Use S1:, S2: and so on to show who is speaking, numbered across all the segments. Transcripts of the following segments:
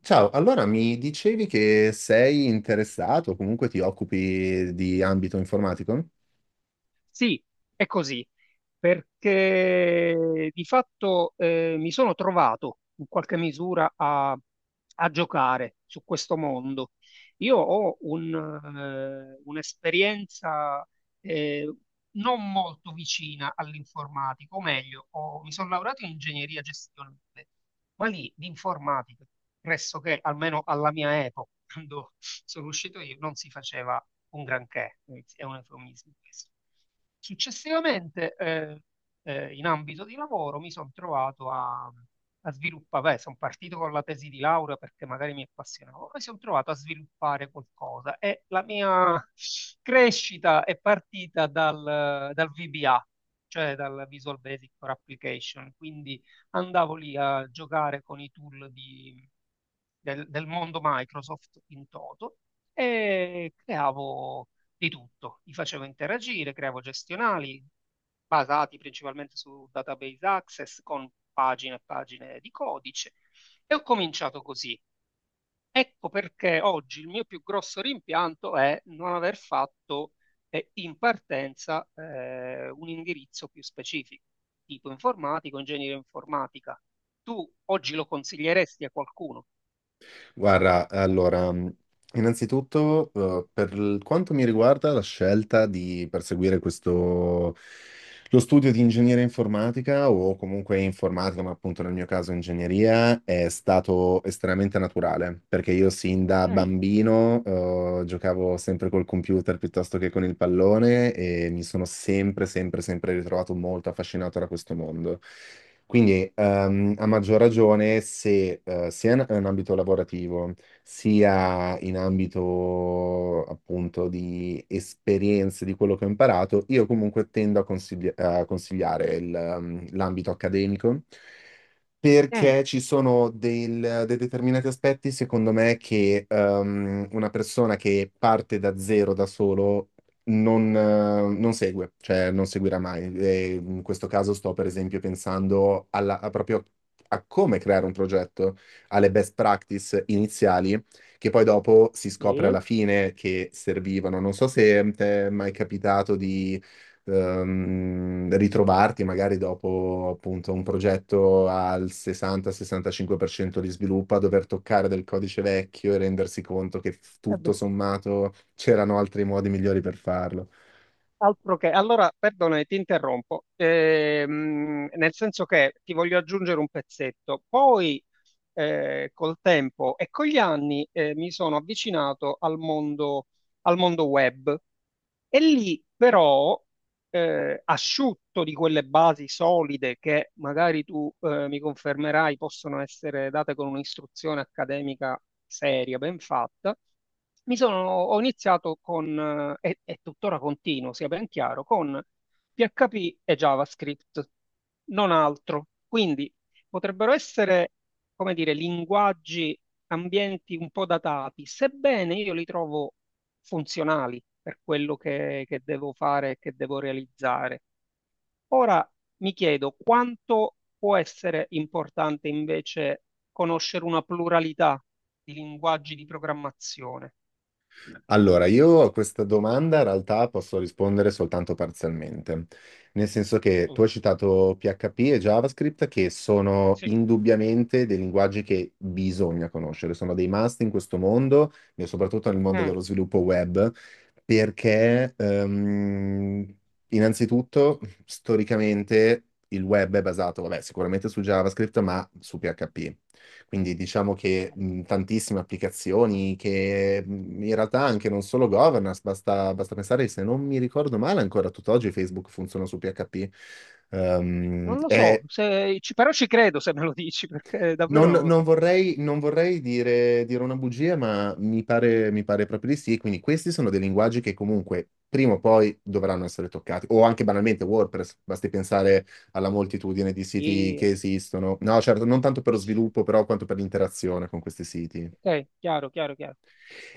S1: Ciao, allora mi dicevi che sei interessato, comunque ti occupi di ambito informatico?
S2: Sì, è così, perché di fatto mi sono trovato in qualche misura a, a giocare su questo mondo. Io ho un, un'esperienza eh, non molto vicina all'informatico, o meglio, mi sono laureato in ingegneria gestionale quelli di informatica, pressoché, almeno alla mia epoca, quando sono uscito io, non si faceva un granché, è un eufemismo questo. Successivamente, in ambito di lavoro, mi sono trovato a, a sviluppare, sono partito con la tesi di laurea perché magari mi appassionavo, poi sono trovato a sviluppare qualcosa e la mia crescita è partita dal VBA, cioè dal Visual Basic for Application, quindi andavo lì a giocare con i del, del mondo Microsoft in toto e creavo di tutto. Li facevo interagire, creavo gestionali basati principalmente su database access con pagine e pagine di codice e ho cominciato così. Ecco perché oggi il mio più grosso rimpianto è non aver fatto in partenza un indirizzo più specifico, tipo informatico, ingegneria informatica. Tu oggi lo consiglieresti a qualcuno?
S1: Guarda, allora, innanzitutto, quanto mi riguarda, la scelta di perseguire questo, lo studio di ingegneria informatica o comunque informatica, ma appunto nel mio caso ingegneria, è stato estremamente naturale, perché io sin da
S2: Mm,
S1: bambino, giocavo sempre col computer piuttosto che con il pallone e mi sono sempre, sempre, sempre ritrovato molto affascinato da questo mondo. Quindi, a maggior ragione, se sia in ambito lavorativo, sia in ambito appunto di esperienze, di quello che ho imparato, io comunque tendo a consigliare l'ambito accademico
S2: mm,
S1: perché ci sono dei determinati aspetti, secondo me, che una persona che parte da zero da solo non segue, cioè non seguirà mai. E in questo caso sto per esempio pensando a proprio a come creare un progetto, alle best practice iniziali che poi dopo si
S2: sì.
S1: scopre
S2: Eh
S1: alla fine che servivano. Non so se ti è mai capitato di ritrovarti magari dopo appunto un progetto al 60-65% di sviluppo a dover toccare del codice vecchio e rendersi conto che tutto
S2: beh,
S1: sommato c'erano altri modi migliori per farlo.
S2: altro che. Allora, perdona, ti interrompo, nel senso che ti voglio aggiungere un pezzetto. Poi col tempo e con gli anni mi sono avvicinato al mondo web. E lì però, asciutto di quelle basi solide che magari tu mi confermerai possono essere date con un'istruzione accademica seria, ben fatta, ho iniziato con, e tuttora continuo, sia ben chiaro, con PHP e JavaScript, non altro. Quindi potrebbero essere, come dire, linguaggi, ambienti un po' datati, sebbene io li trovo funzionali per quello che devo fare e che devo realizzare. Ora mi chiedo quanto può essere importante invece conoscere una pluralità di linguaggi di programmazione.
S1: Allora, io a questa domanda in realtà posso rispondere soltanto parzialmente, nel senso che tu
S2: Mm.
S1: hai citato PHP e JavaScript che sono
S2: Sì.
S1: indubbiamente dei linguaggi che bisogna conoscere, sono dei must in questo mondo e soprattutto nel mondo
S2: Mm.
S1: dello sviluppo web, perché innanzitutto, storicamente il web è basato, vabbè, sicuramente su JavaScript, ma su PHP. Quindi diciamo che tantissime applicazioni che in realtà anche non solo governance, basta pensare, se non mi ricordo male, ancora tutt'oggi Facebook funziona su PHP.
S2: Non lo so,
S1: È
S2: però ci credo se me lo dici, perché davvero non lo
S1: non
S2: so.
S1: vorrei, non vorrei dire una bugia, ma mi pare proprio di sì. Quindi questi sono dei linguaggi che comunque prima o poi dovranno essere toccati. O anche banalmente WordPress, basti pensare alla moltitudine di siti che
S2: E-
S1: esistono. No, certo, non tanto per lo sviluppo, però quanto per l'interazione con questi siti.
S2: Ok, chiaro, chiaro, chiaro.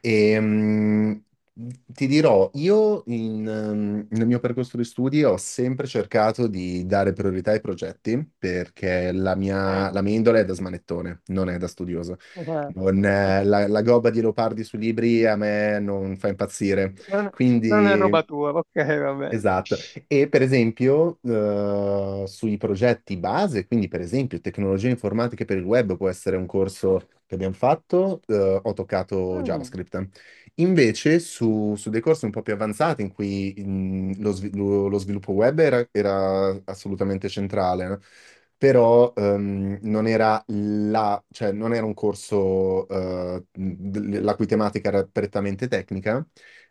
S1: E, ti dirò, io nel mio percorso di studi ho sempre cercato di dare priorità ai progetti perché
S2: Mm.
S1: la mia indole è da smanettone, non è da studioso. Non, la, la gobba di Leopardi sui libri a me non fa impazzire.
S2: Non, non è roba
S1: Quindi...
S2: tua, ok, vabbè.
S1: Esatto, e per esempio, sui progetti base, quindi per esempio tecnologie informatiche per il web può essere un corso che abbiamo fatto, ho toccato
S2: Mm,
S1: JavaScript. Invece
S2: sì,
S1: su dei corsi un po' più avanzati in cui lo sviluppo web era, era assolutamente centrale, no? Però non era non era un corso la cui tematica era prettamente tecnica,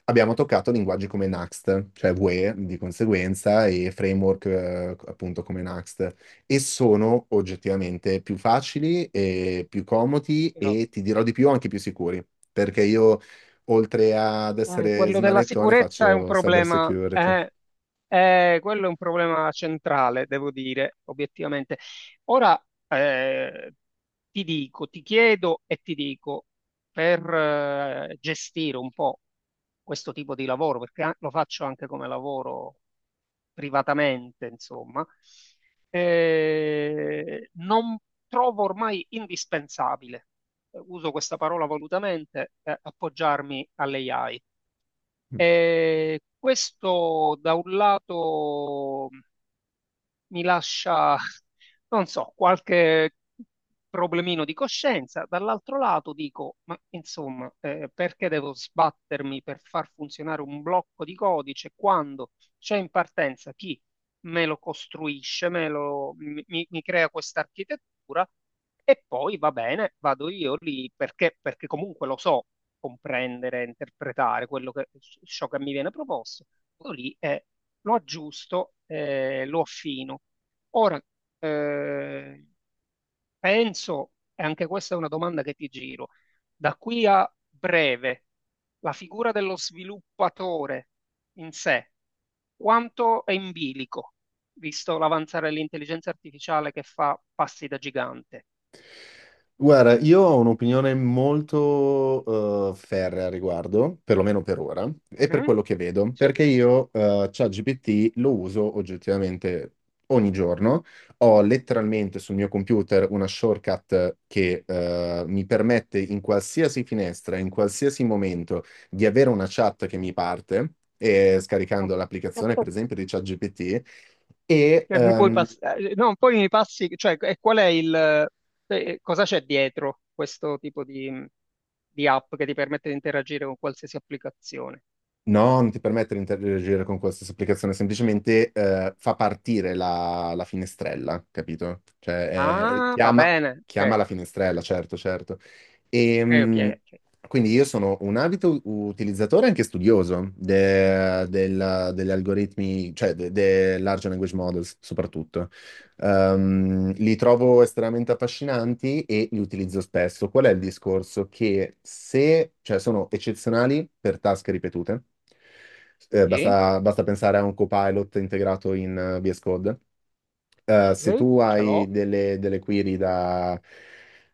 S1: abbiamo toccato linguaggi come Next, cioè Vue di conseguenza, e framework appunto come Next, e sono oggettivamente più facili e più comodi
S2: sì.
S1: e ti dirò di più anche più sicuri, perché io oltre ad essere
S2: Quello della
S1: smanettone
S2: sicurezza è un
S1: faccio cyber
S2: problema,
S1: security.
S2: quello è un problema centrale, devo dire, obiettivamente. Ora, eh, ti dico, ti chiedo e ti dico, per gestire un po' questo tipo di lavoro, perché lo faccio anche come lavoro privatamente, insomma, non trovo ormai indispensabile, uso questa parola volutamente, appoggiarmi alle AI. E questo da un lato mi lascia, non so, qualche problemino di coscienza. Dall'altro lato dico, ma insomma, perché devo sbattermi per far funzionare un blocco di codice quando c'è in partenza chi me lo costruisce, me lo, mi- mi crea questa architettura e poi va bene, vado io lì perché, perché comunque lo so comprendere, interpretare quello che, ciò che mi viene proposto. Vado lì e lo aggiusto, lo affino. Ora, eh, penso, e anche questa è una domanda che ti giro, da qui a breve, la figura dello sviluppatore in sé, quanto è in bilico, visto l'avanzare dell'intelligenza artificiale che fa passi da gigante?
S1: Guarda, io ho un'opinione molto ferrea a riguardo, perlomeno per ora, e per
S2: Mhm.
S1: quello che vedo,
S2: Sì.
S1: perché io ChatGPT lo uso oggettivamente ogni giorno. Ho letteralmente sul mio computer una shortcut che mi permette in qualsiasi finestra, in qualsiasi momento, di avere una chat che mi parte, e
S2: No.
S1: scaricando l'applicazione, per esempio, di ChatGPT, e
S2: Cioè,
S1: Mm. ehm,
S2: no, poi mi passi, cioè, e qual è il, cosa c'è dietro questo tipo di app che ti permette di interagire con qualsiasi applicazione?
S1: no, non ti permette di interagire con qualsiasi applicazione, semplicemente fa partire la finestrella, capito? Cioè,
S2: Ah, va bene,
S1: chiama
S2: ok,
S1: la finestrella, certo, certo. E,
S2: ok, ok, ok.
S1: quindi io sono un abito utilizzatore e anche studioso degli algoritmi, cioè dei large language models soprattutto. Li trovo estremamente affascinanti e li utilizzo spesso. Qual è il discorso? Che se, cioè, sono eccezionali per task ripetute.
S2: Sì,
S1: Basta pensare a un copilot integrato in VS Code, se
S2: ok,
S1: tu
S2: ce l'ho,
S1: hai delle query da,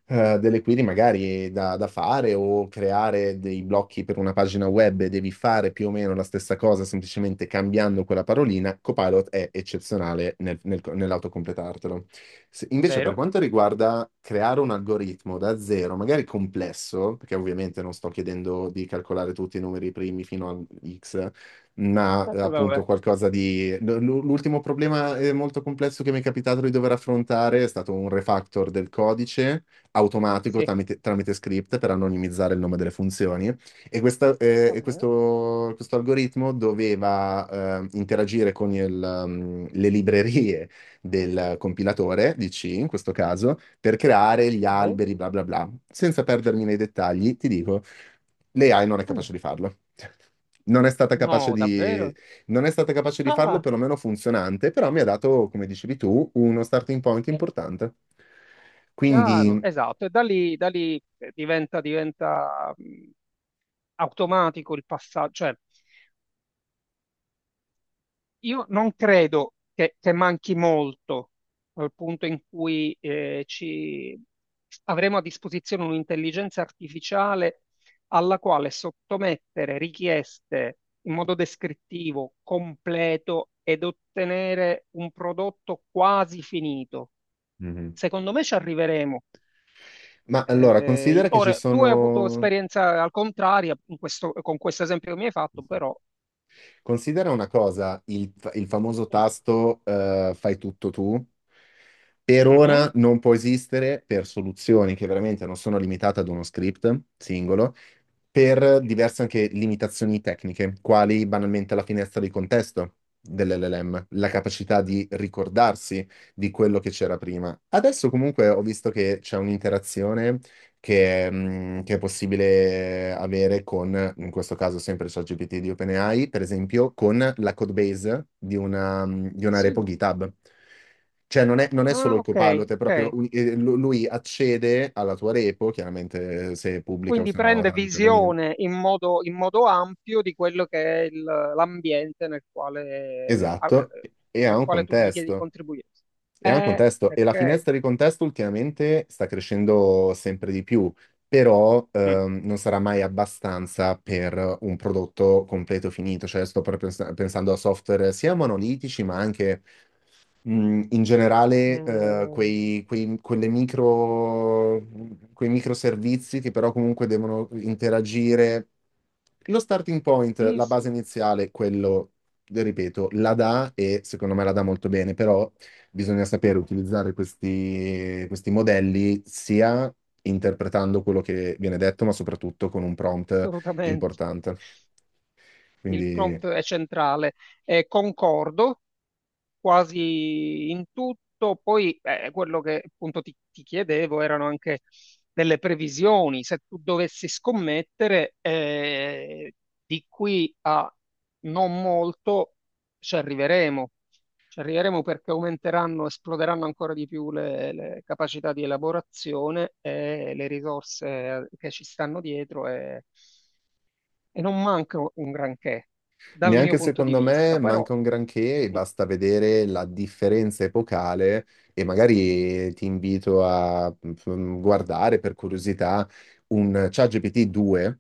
S1: eh, delle query magari da fare o creare dei blocchi per una pagina web e devi fare più o meno la stessa cosa, semplicemente cambiando quella parolina, Copilot è eccezionale nell'autocompletartelo.
S2: è
S1: Invece per
S2: vero.
S1: quanto riguarda creare un algoritmo da zero, magari complesso, perché ovviamente non sto chiedendo di calcolare tutti i numeri primi fino a X, ma
S2: Aspetta, vabbè.
S1: appunto qualcosa di... l'ultimo problema molto complesso che mi è capitato di dover affrontare è stato un refactor del codice automatico
S2: Sì,
S1: tramite script per anonimizzare il nome delle funzioni e, questa- eh,
S2: va
S1: e
S2: bene,
S1: questo, questo algoritmo doveva interagire con le librerie del compilatore di C in questo caso per creare gli
S2: ok.
S1: alberi bla bla bla. Senza perdermi nei dettagli, ti dico, l'AI non è
S2: Come?
S1: capace di farlo. Non è stata capace
S2: No, davvero?
S1: non è stata capace di farlo,
S2: Ah,
S1: perlomeno funzionante, però mi ha dato, come dicevi tu, uno starting point
S2: è
S1: importante.
S2: chiaro,
S1: Quindi,
S2: esatto, e da lì diventa, diventa automatico il passaggio, cioè io non credo che manchi molto al punto in cui ci avremo a disposizione un'intelligenza artificiale alla quale sottomettere richieste in modo descrittivo, completo ed ottenere un prodotto quasi finito.
S1: mhm,
S2: Secondo me ci arriveremo.
S1: ma allora,
S2: In-
S1: considera che ci
S2: ora, tu hai avuto
S1: sono...
S2: esperienza al contrario in questo- con questo esempio che mi hai fatto, però...
S1: Considera una cosa, il famoso
S2: Sì.
S1: tasto fai tutto tu, per
S2: Mhm.
S1: ora non può esistere per soluzioni che veramente non sono limitate ad uno script singolo, per diverse anche limitazioni tecniche, quali banalmente la finestra di contesto dell'LLM, la capacità di ricordarsi di quello che c'era prima. Adesso comunque ho visto che c'è un'interazione che è possibile avere con, in questo caso sempre ChatGPT di OpenAI, per esempio, con la codebase di di una repo
S2: Sì.
S1: GitHub. Cioè, non è
S2: Ah,
S1: solo il
S2: ok,
S1: copilot, è proprio
S2: ok.
S1: lui accede alla tua repo, chiaramente se è pubblica o
S2: Quindi
S1: se no
S2: prende
S1: tramite login.
S2: visione in modo ampio di quello che è l'ambiente nel quale,
S1: Esatto, e ha
S2: nel
S1: un
S2: quale tu gli chiedi di
S1: contesto.
S2: contribuire.
S1: E ha un contesto, e la
S2: Ok.
S1: finestra di contesto ultimamente sta crescendo sempre di più, però
S2: Mm.
S1: non sarà mai abbastanza per un prodotto completo finito. Cioè, sto proprio pensando a software sia monolitici, ma anche in generale
S2: Ehm,
S1: quelle micro, quei microservizi che però comunque devono interagire. Lo starting point,
S2: sì,
S1: la
S2: sì,
S1: base iniziale, quello, ripeto, la dà e secondo me la dà molto bene, però bisogna sapere utilizzare questi, questi modelli sia interpretando quello che viene detto, ma soprattutto con un prompt
S2: assolutamente.
S1: importante.
S2: Il
S1: Quindi
S2: prompt è centrale. Concordo, quasi in tutto. Poi quello che appunto ti, ti chiedevo erano anche delle previsioni. Se tu dovessi scommettere di qui a non molto ci arriveremo. Ci arriveremo perché aumenteranno, esploderanno ancora di più le capacità di elaborazione e le risorse che ci stanno dietro e non manca un granché dal mio
S1: neanche
S2: punto di
S1: secondo
S2: vista,
S1: me
S2: però
S1: manca un granché, e basta vedere la differenza epocale e magari ti invito a guardare per curiosità un ChatGPT 2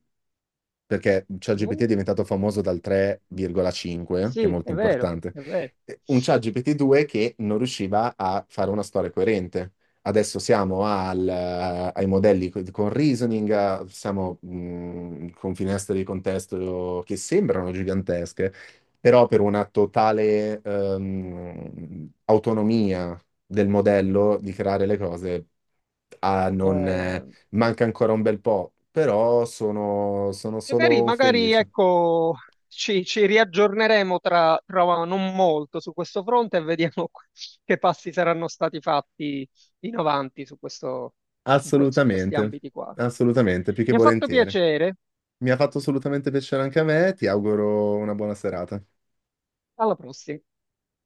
S1: perché
S2: mm,
S1: ChatGPT è diventato famoso dal 3,5, che è
S2: sì,
S1: molto
S2: è vero,
S1: importante,
S2: è vero.
S1: un ChatGPT 2 che non riusciva a fare una storia coerente. Adesso siamo ai modelli con reasoning, siamo con finestre di contesto che sembrano gigantesche, però per una totale autonomia del modello di creare le cose ah, non,
S2: Eh,
S1: manca ancora un bel po', però sono, sono
S2: magari,
S1: solo
S2: magari,
S1: felice.
S2: ecco, ci, ci riaggiorneremo tra, tra non molto su questo fronte e vediamo che passi saranno stati fatti in avanti su questo, su questi
S1: Assolutamente,
S2: ambiti qua.
S1: assolutamente, più che
S2: Mi ha fatto
S1: volentieri.
S2: piacere.
S1: Mi ha fatto assolutamente piacere anche a me, ti auguro una buona serata.
S2: Alla prossima.